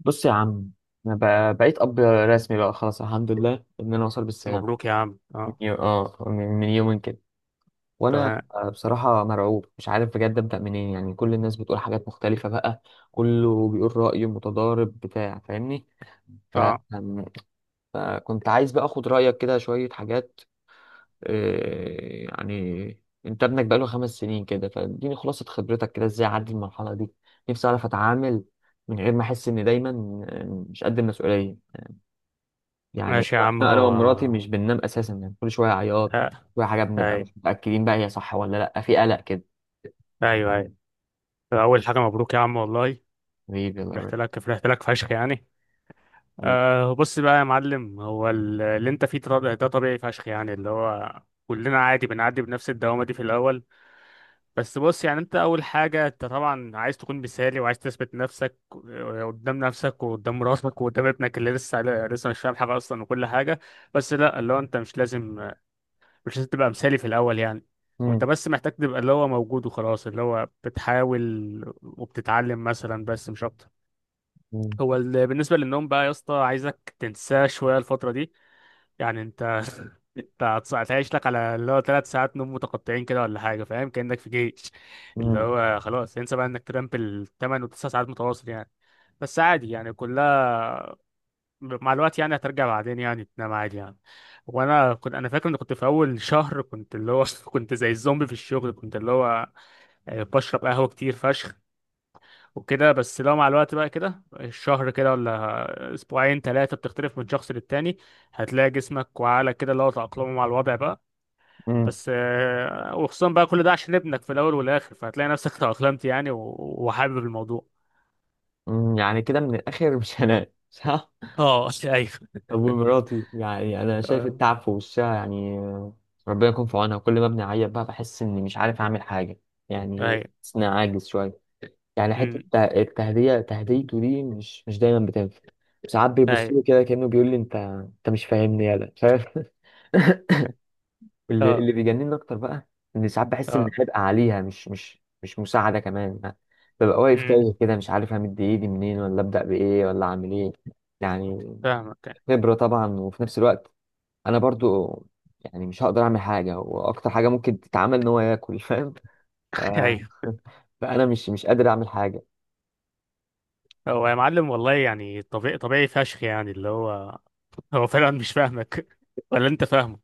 بص يا عم. انا بقيت اب رسمي بقى خلاص، الحمد لله ان انا وصل بالسلام. مبروك يا عم من اه. يو... اه من من يومين كده. وانا تمام. بصراحه مرعوب، مش عارف بجد ابدا منين. يعني كل الناس بتقول حاجات مختلفه بقى، كله بيقول رايه متضارب بتاع، فاهمني؟ ف... اه. أم- فكنت عايز بقى اخد رايك كده شويه حاجات. يعني انت ابنك بقاله 5 سنين كده، فاديني خلاصه خبرتك كده ازاي اعدي المرحله دي. نفسي اعرف اتعامل من غير ما احس اني دايما آه، مش قد المسؤوليه يعني. ماشي يا عم، انا هو ومراتي مش بننام اساسا، يعني كل شويه عياط، آه، كل شويه حاجه، بنبقى اي، مش متاكدين بقى هي صح ولا لا، في قلق كده. ايوه ايوه. اول حاجه مبروك يا عم والله. ليه بيلا؟ رحت لك فشخ يعني. ليه؟ آه بص بقى يا معلم، هو اللي انت فيه ده طبيعي فشخ يعني، اللي هو كلنا عادي بنعدي بنفس الدوامه دي في الاول. بس بص يعني، انت اول حاجه انت طبعا عايز تكون مثالي وعايز تثبت نفسك، قدام نفسك وقدام مراتك وقدام ابنك اللي لسه مش فاهم حاجه اصلا وكل حاجه. بس لا، اللي هو انت مش لازم، مش لازم تبقى مثالي في الأول يعني. مم، وانت بس محتاج تبقى اللي هو موجود وخلاص، اللي هو بتحاول وبتتعلم مثلا، بس مش أكتر. مم، هو بالنسبة للنوم بقى يا اسطى، عايزك تنساه شوية الفترة دي. يعني انت انت هتعيش لك على اللي هو ثلاث ساعات نوم متقطعين كده ولا حاجة، فاهم؟ كأنك في جيش. اللي مم، هو خلاص، انسى بقى انك تنام بالثمان وتسع ساعات متواصل يعني. بس عادي يعني، كلها مع الوقت يعني هترجع بعدين يعني تنام عادي يعني. وانا كنت فاكر ان كنت في اول شهر، كنت اللي هو كنت زي الزومبي في الشغل، كنت اللي هو بشرب قهوة كتير فشخ وكده. بس لو مع الوقت بقى كده، الشهر كده ولا اسبوعين ثلاثة، بتختلف من شخص للتاني. هتلاقي جسمك وعقلك كده اللي هو تأقلموا مع الوضع بقى. مم، بس وخصوصا بقى كل ده عشان ابنك في الاول والاخر، فهتلاقي نفسك تأقلمت يعني وحابب الموضوع. مم. يعني كده من الاخر مش هنام صح؟ اه ايوه. طب ومراتي، يعني انا شايف آه، التعب في وشها يعني. ربنا يكون في عونها. كل ما بنعيط بقى بحس اني مش عارف اعمل حاجه يعني، ايوه. بحس اني عاجز شويه. يعني حته أمم، تهديته دي مش دايما بتنفع. ساعات بيبص ايوه. له كده كانه بيقول لي انت مش فاهمني يالا، مش عارف. اللي اه. اللي بيجنني اكتر بقى ان ساعات بحس ان اه. حرق عليها مش مساعده كمان يعني. ببقى واقف تايه امم. كده، مش عارف همد ايدي منين ولا ابدا بايه ولا اعمل ايه يعني. فاهمك. خبره طبعا، وفي نفس الوقت انا برضو يعني مش هقدر اعمل حاجه، واكتر حاجه ممكن تتعمل ان هو ياكل، فاهم؟ ف... ايوه. فانا مش قادر اعمل حاجه. هو يا معلم والله يعني طبيعي، طبيعي فشخ يعني اللي هو، هو فعلا مش فاهمك ولا انت فاهمه.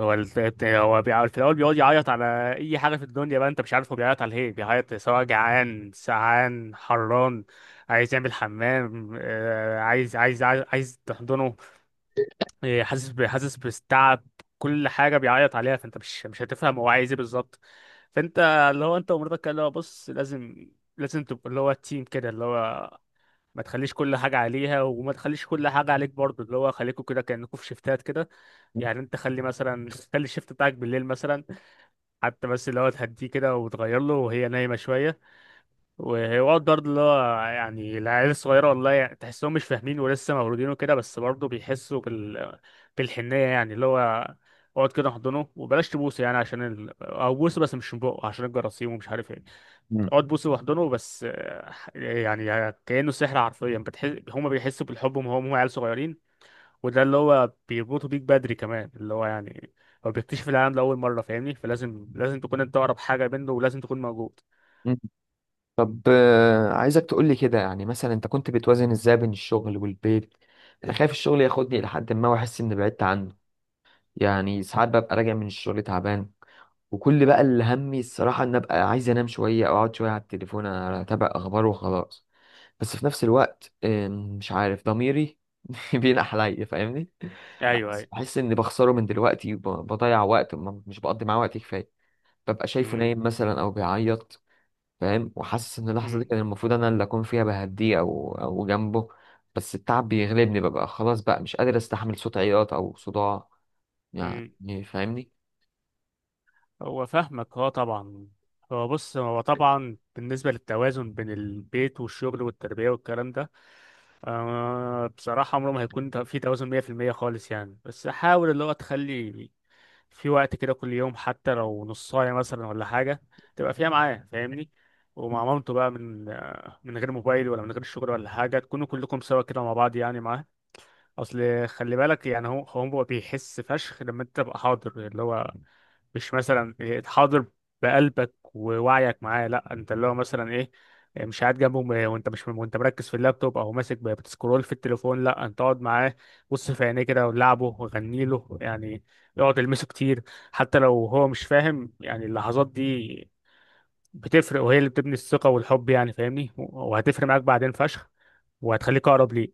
هو بيقعد في الاول، بيقعد يعيط على اي حاجه في الدنيا بقى. انت مش عارف هو بيعيط على ايه، بيعيط سواء جعان، سعان، حران، عايز يعمل حمام، عايز تحضنه، حاسس حاسس بالتعب. كل حاجه بيعيط عليها، فانت مش هتفهم هو عايز ايه بالظبط. فانت، اللي هو انت ومراتك كده، اللي هو بص لازم، لازم تبقى اللي هو تيم كده اللي هو. ما تخليش كل حاجه عليها وما تخليش كل حاجه عليك برضه، اللي هو خليكوا كده كانكوا في شيفتات كده. يعني انت خلي مثلا خلي الشيفت بتاعك بالليل مثلا، حتى بس اللي هو تهديه كده وتغير له وهي نايمه شويه. ويقعد برضه اللي هو يعني، العيال الصغيرة والله يعني تحسهم مش فاهمين ولسه مولودين وكده، بس برضه بيحسوا بال... بالحنية يعني اللي هو. اقعد كده احضنه وبلاش تبوسه يعني عشان ال... او بوسه بس مش من بقه عشان الجراثيم ومش عارف ايه. اقعد بوسه واحضنه بس يعني كأنه سحر حرفيا، بتحس هما بيحسوا بالحب وهم عيال صغيرين. وده اللي هو بيربطوا بيك بدري كمان اللي هو يعني. هو بيكتشف العالم لأول مرة، فاهمني؟ فلازم، لازم تكون انت أقرب حاجة منه ولازم تكون موجود. مم. طب عايزك تقولي كده يعني، مثلا انت كنت بتوازن ازاي بين الشغل والبيت؟ انا خايف الشغل ياخدني لحد ما، واحس اني بعدت عنه. يعني ساعات ببقى راجع من الشغل تعبان، وكل بقى اللي همي الصراحة ان ابقى عايز انام شوية او اقعد شوية على التليفون اتابع اخبار وخلاص. بس في نفس الوقت، مش عارف ضميري بينح عليا فاهمني. ايوه بس ايوه. بحس اني بخسره من دلوقتي، وب- بضيع وقت مش بقضي معاه وقت كفاية. ببقى شايفه امم. نايم مثلا او بيعيط، فاهم؟ وحاسس ان اللحظه دي امم. كان المفروض انا اللي اكون فيها بهديه او جنبه. بس التعب بيغلبني، ببقى خلاص بقى مش قادر استحمل صوت عياط او صداع مم. يعني، فاهمني؟ هو فاهمك، اه طبعا. هو بص، هو طبعا بالنسبة للتوازن بين البيت والشغل والتربية والكلام ده، آه بصراحة عمره ما هيكون في توازن 100% خالص يعني. بس حاول اللي هو تخلي في وقت كده كل يوم، حتى لو نص ساعة مثلا ولا حاجة، تبقى فيها معاه، فاهمني؟ ومع مامته بقى من من غير موبايل ولا من غير شغل ولا حاجة، تكونوا كلكم سوا كده مع بعض يعني معاه. أصل خلي بالك يعني، هو بيحس فشخ لما أنت تبقى حاضر اللي هو. مش مثلا حاضر بقلبك ووعيك معاه، لا انت اللي هو مثلا ايه. مش قاعد جنبه وانت مش وانت مركز في اللابتوب او ماسك بتسكرول في التليفون. لا، انت اقعد معاه، بص في عينيه كده ولعبه وغني له يعني. اقعد المسه كتير، حتى لو هو مش فاهم يعني، اللحظات دي بتفرق، وهي اللي بتبني الثقة والحب يعني، فاهمني؟ وهتفرق معاك بعدين فشخ، وهتخليك اقرب ليه.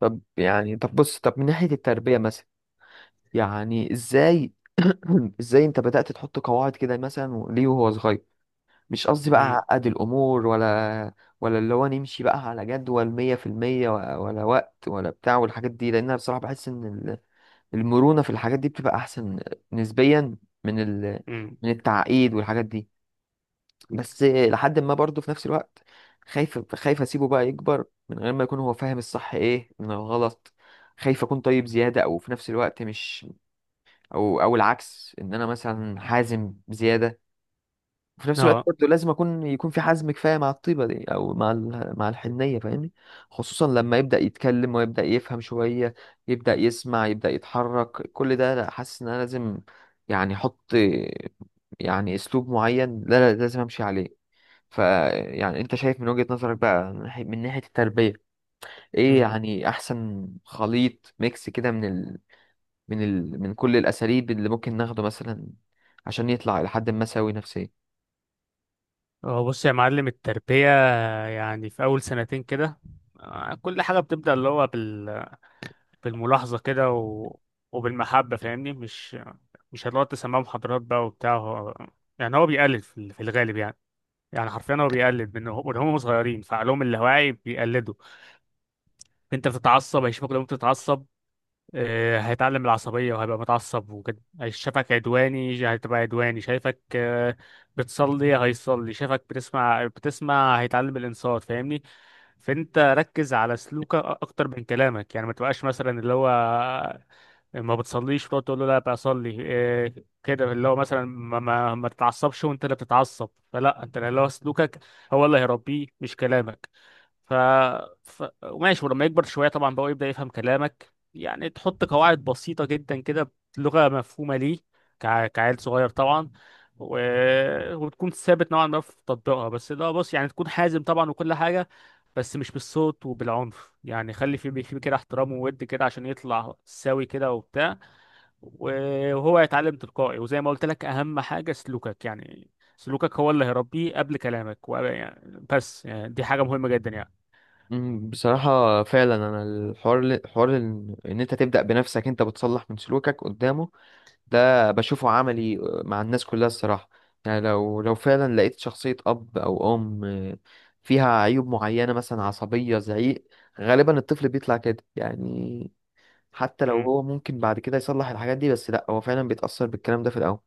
طب يعني، طب بص، طب من ناحية التربية مثلا، يعني ازاي؟ ازاي انت بدأت تحط قواعد كده مثلا ليه وهو صغير؟ مش قصدي بقى امم. عقد الأمور، ولا ولا اللي هو نمشي بقى على جدول 100% ولا وقت ولا بتاع والحاجات دي، لأن أنا بصراحة بحس إن المرونة في الحاجات دي بتبقى أحسن نسبيا من ال... امم. من التعقيد والحاجات دي. بس لحد ما برضه في نفس الوقت خايف أسيبه بقى يكبر من غير ما يكون هو فاهم الصح إيه من الغلط. خايف أكون طيب زيادة، أو في نفس الوقت مش، أو العكس، إن أنا مثلا حازم بزيادة. في نفس الوقت اه. برضه لازم اكون يكون في حزم كفايه مع الطيبه دي، او مع مع الحنيه، فاهمني؟ خصوصا لما يبدا يتكلم ويبدا يفهم شويه، يبدا يسمع يبدا يتحرك كل ده، لا حاسس ان انا لازم يعني احط، يعني اسلوب معين لا لا لازم امشي عليه. ف، يعني انت شايف من وجهه نظرك بقى من ناحية التربيه، ايه يعني احسن خليط ميكس كده من كل الاساليب اللي ممكن ناخده مثلا، عشان يطلع لحد ما سوي نفسيا. اه بص يا معلم، التربية يعني في أول سنتين كده كل حاجة بتبدأ اللي هو بال... بالملاحظة كده وبالمحبة، فاهمني؟ مش هتقعد تسمعه محاضرات بقى وبتاع. هو... يعني هو بيقلد في في الغالب يعني. يعني حرفيا هو بيقلد من من هم صغيرين، فعقلهم اللاواعي بيقلدوا. انت بتتعصب هيشوفك، لو انت بتتعصب هيتعلم العصبية وهيبقى متعصب وكده. هيشوفك عدواني هتبقى عدواني. شايفك بتصلي هيصلي، شايفك بتسمع بتسمع هيتعلم الإنصات، فاهمني؟ فانت ركز على سلوكك اكتر من كلامك يعني. ما تبقاش مثلا اللي هو ما بتصليش وتقعد تقول له لا بصلي إيه. كده اللي هو مثلا ما تتعصبش وانت اللي بتتعصب، فلا انت اللي هو سلوكك هو اللي هيربيه مش كلامك. ف... ماشي، ولما يكبر شويه طبعا بقى يبدا يفهم كلامك يعني، تحط قواعد بسيطه جدا كده بلغه مفهومه ليه، كعيل صغير طبعا. و... وتكون ثابت نوعا ما في تطبيقها. بس ده بص يعني، تكون حازم طبعا وكل حاجه، بس مش بالصوت وبالعنف يعني. خلي في في كده احترام وود كده عشان يطلع سوي كده وبتاع، وهو يتعلم تلقائي. وزي ما قلت لك، اهم حاجة سلوكك يعني. سلوكك هو اللي هيربيه قبل كلامك يعني. بس يعني دي حاجة مهمة جدا يعني. مم، بصراحة فعلا أنا الحوار حوار إن أنت تبدأ بنفسك، أنت بتصلح من سلوكك قدامه، ده بشوفه عملي مع الناس كلها الصراحة. يعني لو فعلا لقيت شخصية أب أو أم فيها عيوب معينة، مثلا عصبية، زعيق، غالبا الطفل بيطلع كده يعني. حتى لو مم. هو ممكن بعد كده يصلح الحاجات دي، بس لأ هو فعلا بيتأثر بالكلام ده في الأول.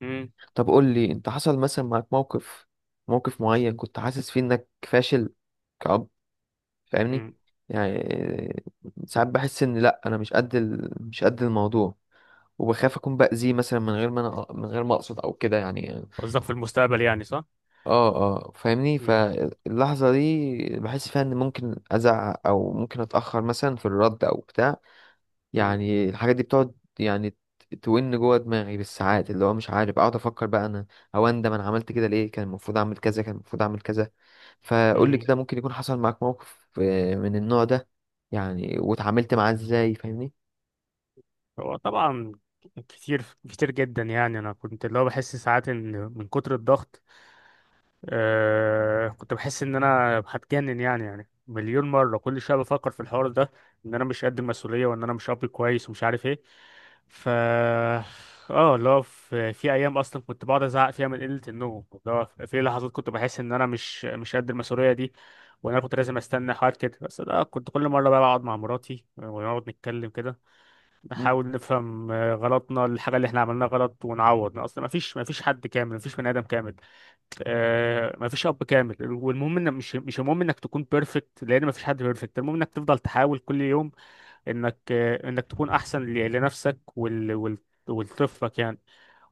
مم. طب قول لي، أنت حصل مثلا معاك موقف، موقف معين كنت حاسس فيه إنك فاشل، فاهمني؟ مم. يعني ساعات بحس ان لا انا مش قد الموضوع، وبخاف اكون باذيه مثلا من غير ما اقصد او كده يعني. قصدك في المستقبل يعني، صح؟ اه فاهمني، مم. فاللحظه دي بحس فيها ان ممكن ازعق، او ممكن اتاخر مثلا في الرد او بتاع مم. يعني. الحاجات دي بتقعد يعني تون جوه دماغي بالساعات، اللي هو مش عارف اقعد افكر بقى انا، او اندم انا عملت كده ليه، كان المفروض اعمل كذا، كان المفروض اعمل كذا. فقول لي مم. كده، ممكن يكون حصل معاك موقف من النوع ده يعني، واتعاملت معاه ازاي، فاهمني؟ هو طبعا، كتير، كتير جدا يعني. انا كنت اللي هو بحس ساعات ان من كتر الضغط، أه كنت بحس ان انا هتجنن يعني. يعني مليون مره كل شويه بفكر في الحوار ده، ان انا مش قد المسؤوليه وان انا مش اب كويس ومش عارف ايه. ف اه اللي هو في ايام اصلا كنت بقعد ازعق فيها من قله النوم، اللي هو في لحظات كنت بحس ان انا مش قد المسؤوليه دي، وان انا كنت لازم استنى حوار كده. بس ده كنت كل مره بقى بقعد مع مراتي ونقعد نتكلم كده، مم. نحاول نفهم غلطنا، الحاجه اللي احنا عملناها غلط، ونعوض. اصلا ما فيش حد كامل، ما فيش بني ادم كامل، آه مفيش اب كامل. والمهم ان مش المهم انك تكون بيرفكت، لان مفيش حد بيرفكت. المهم انك تفضل تحاول كل يوم انك آه انك تكون احسن لنفسك وال وال ولطفلك يعني.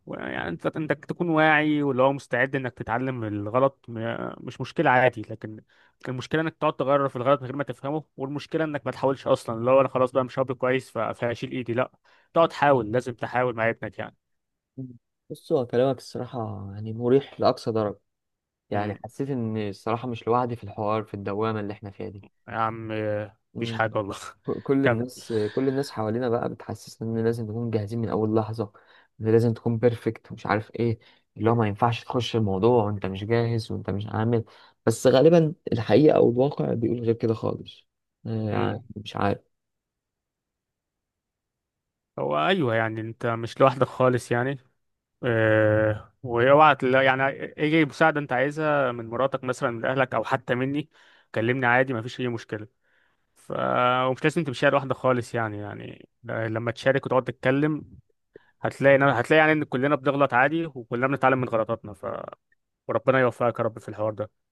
يعني انت انك تكون واعي واللي هو مستعد انك تتعلم من الغلط، مش مشكله عادي. لكن المشكله انك تقعد تغير في الغلط من غير ما تفهمه، والمشكله انك ما تحاولش اصلا، اللي هو انا خلاص بقى مش اب كويس فهشيل ايدي، لا. تقعد تحاول، لازم تحاول مع ابنك يعني. مم. بص هو كلامك الصراحة يعني مريح لأقصى درجة. امم. يعني حسيت إن الصراحة مش لوحدي في الحوار، في الدوامة اللي إحنا فيها دي. يا عم مفيش حاجه مم. والله. كل كمل. الناس، كل الناس حوالينا بقى بتحسسنا ان لازم نكون جاهزين من اول لحظه، ان لازم تكون بيرفكت، ومش عارف ايه، اللي هو ما ينفعش تخش الموضوع وانت مش جاهز وانت مش عامل. بس غالبا الحقيقه او الواقع بيقول غير كده خالص. يعني مم. مش عارف. هو ايوه يعني انت مش لوحدك خالص يعني. أه، يعني اي مساعده انت عايزها من مراتك مثلا، من اهلك او حتى مني، كلمني عادي، مفيش اي مشكله. ف ومش لازم تمشيها لوحدك خالص يعني. يعني لما تشارك وتقعد تتكلم هتلاقي، هتلاقي يعني ان كلنا بنغلط عادي، وكلنا بنتعلم من غلطاتنا. وربنا يوفقك يا رب في الحوار ده.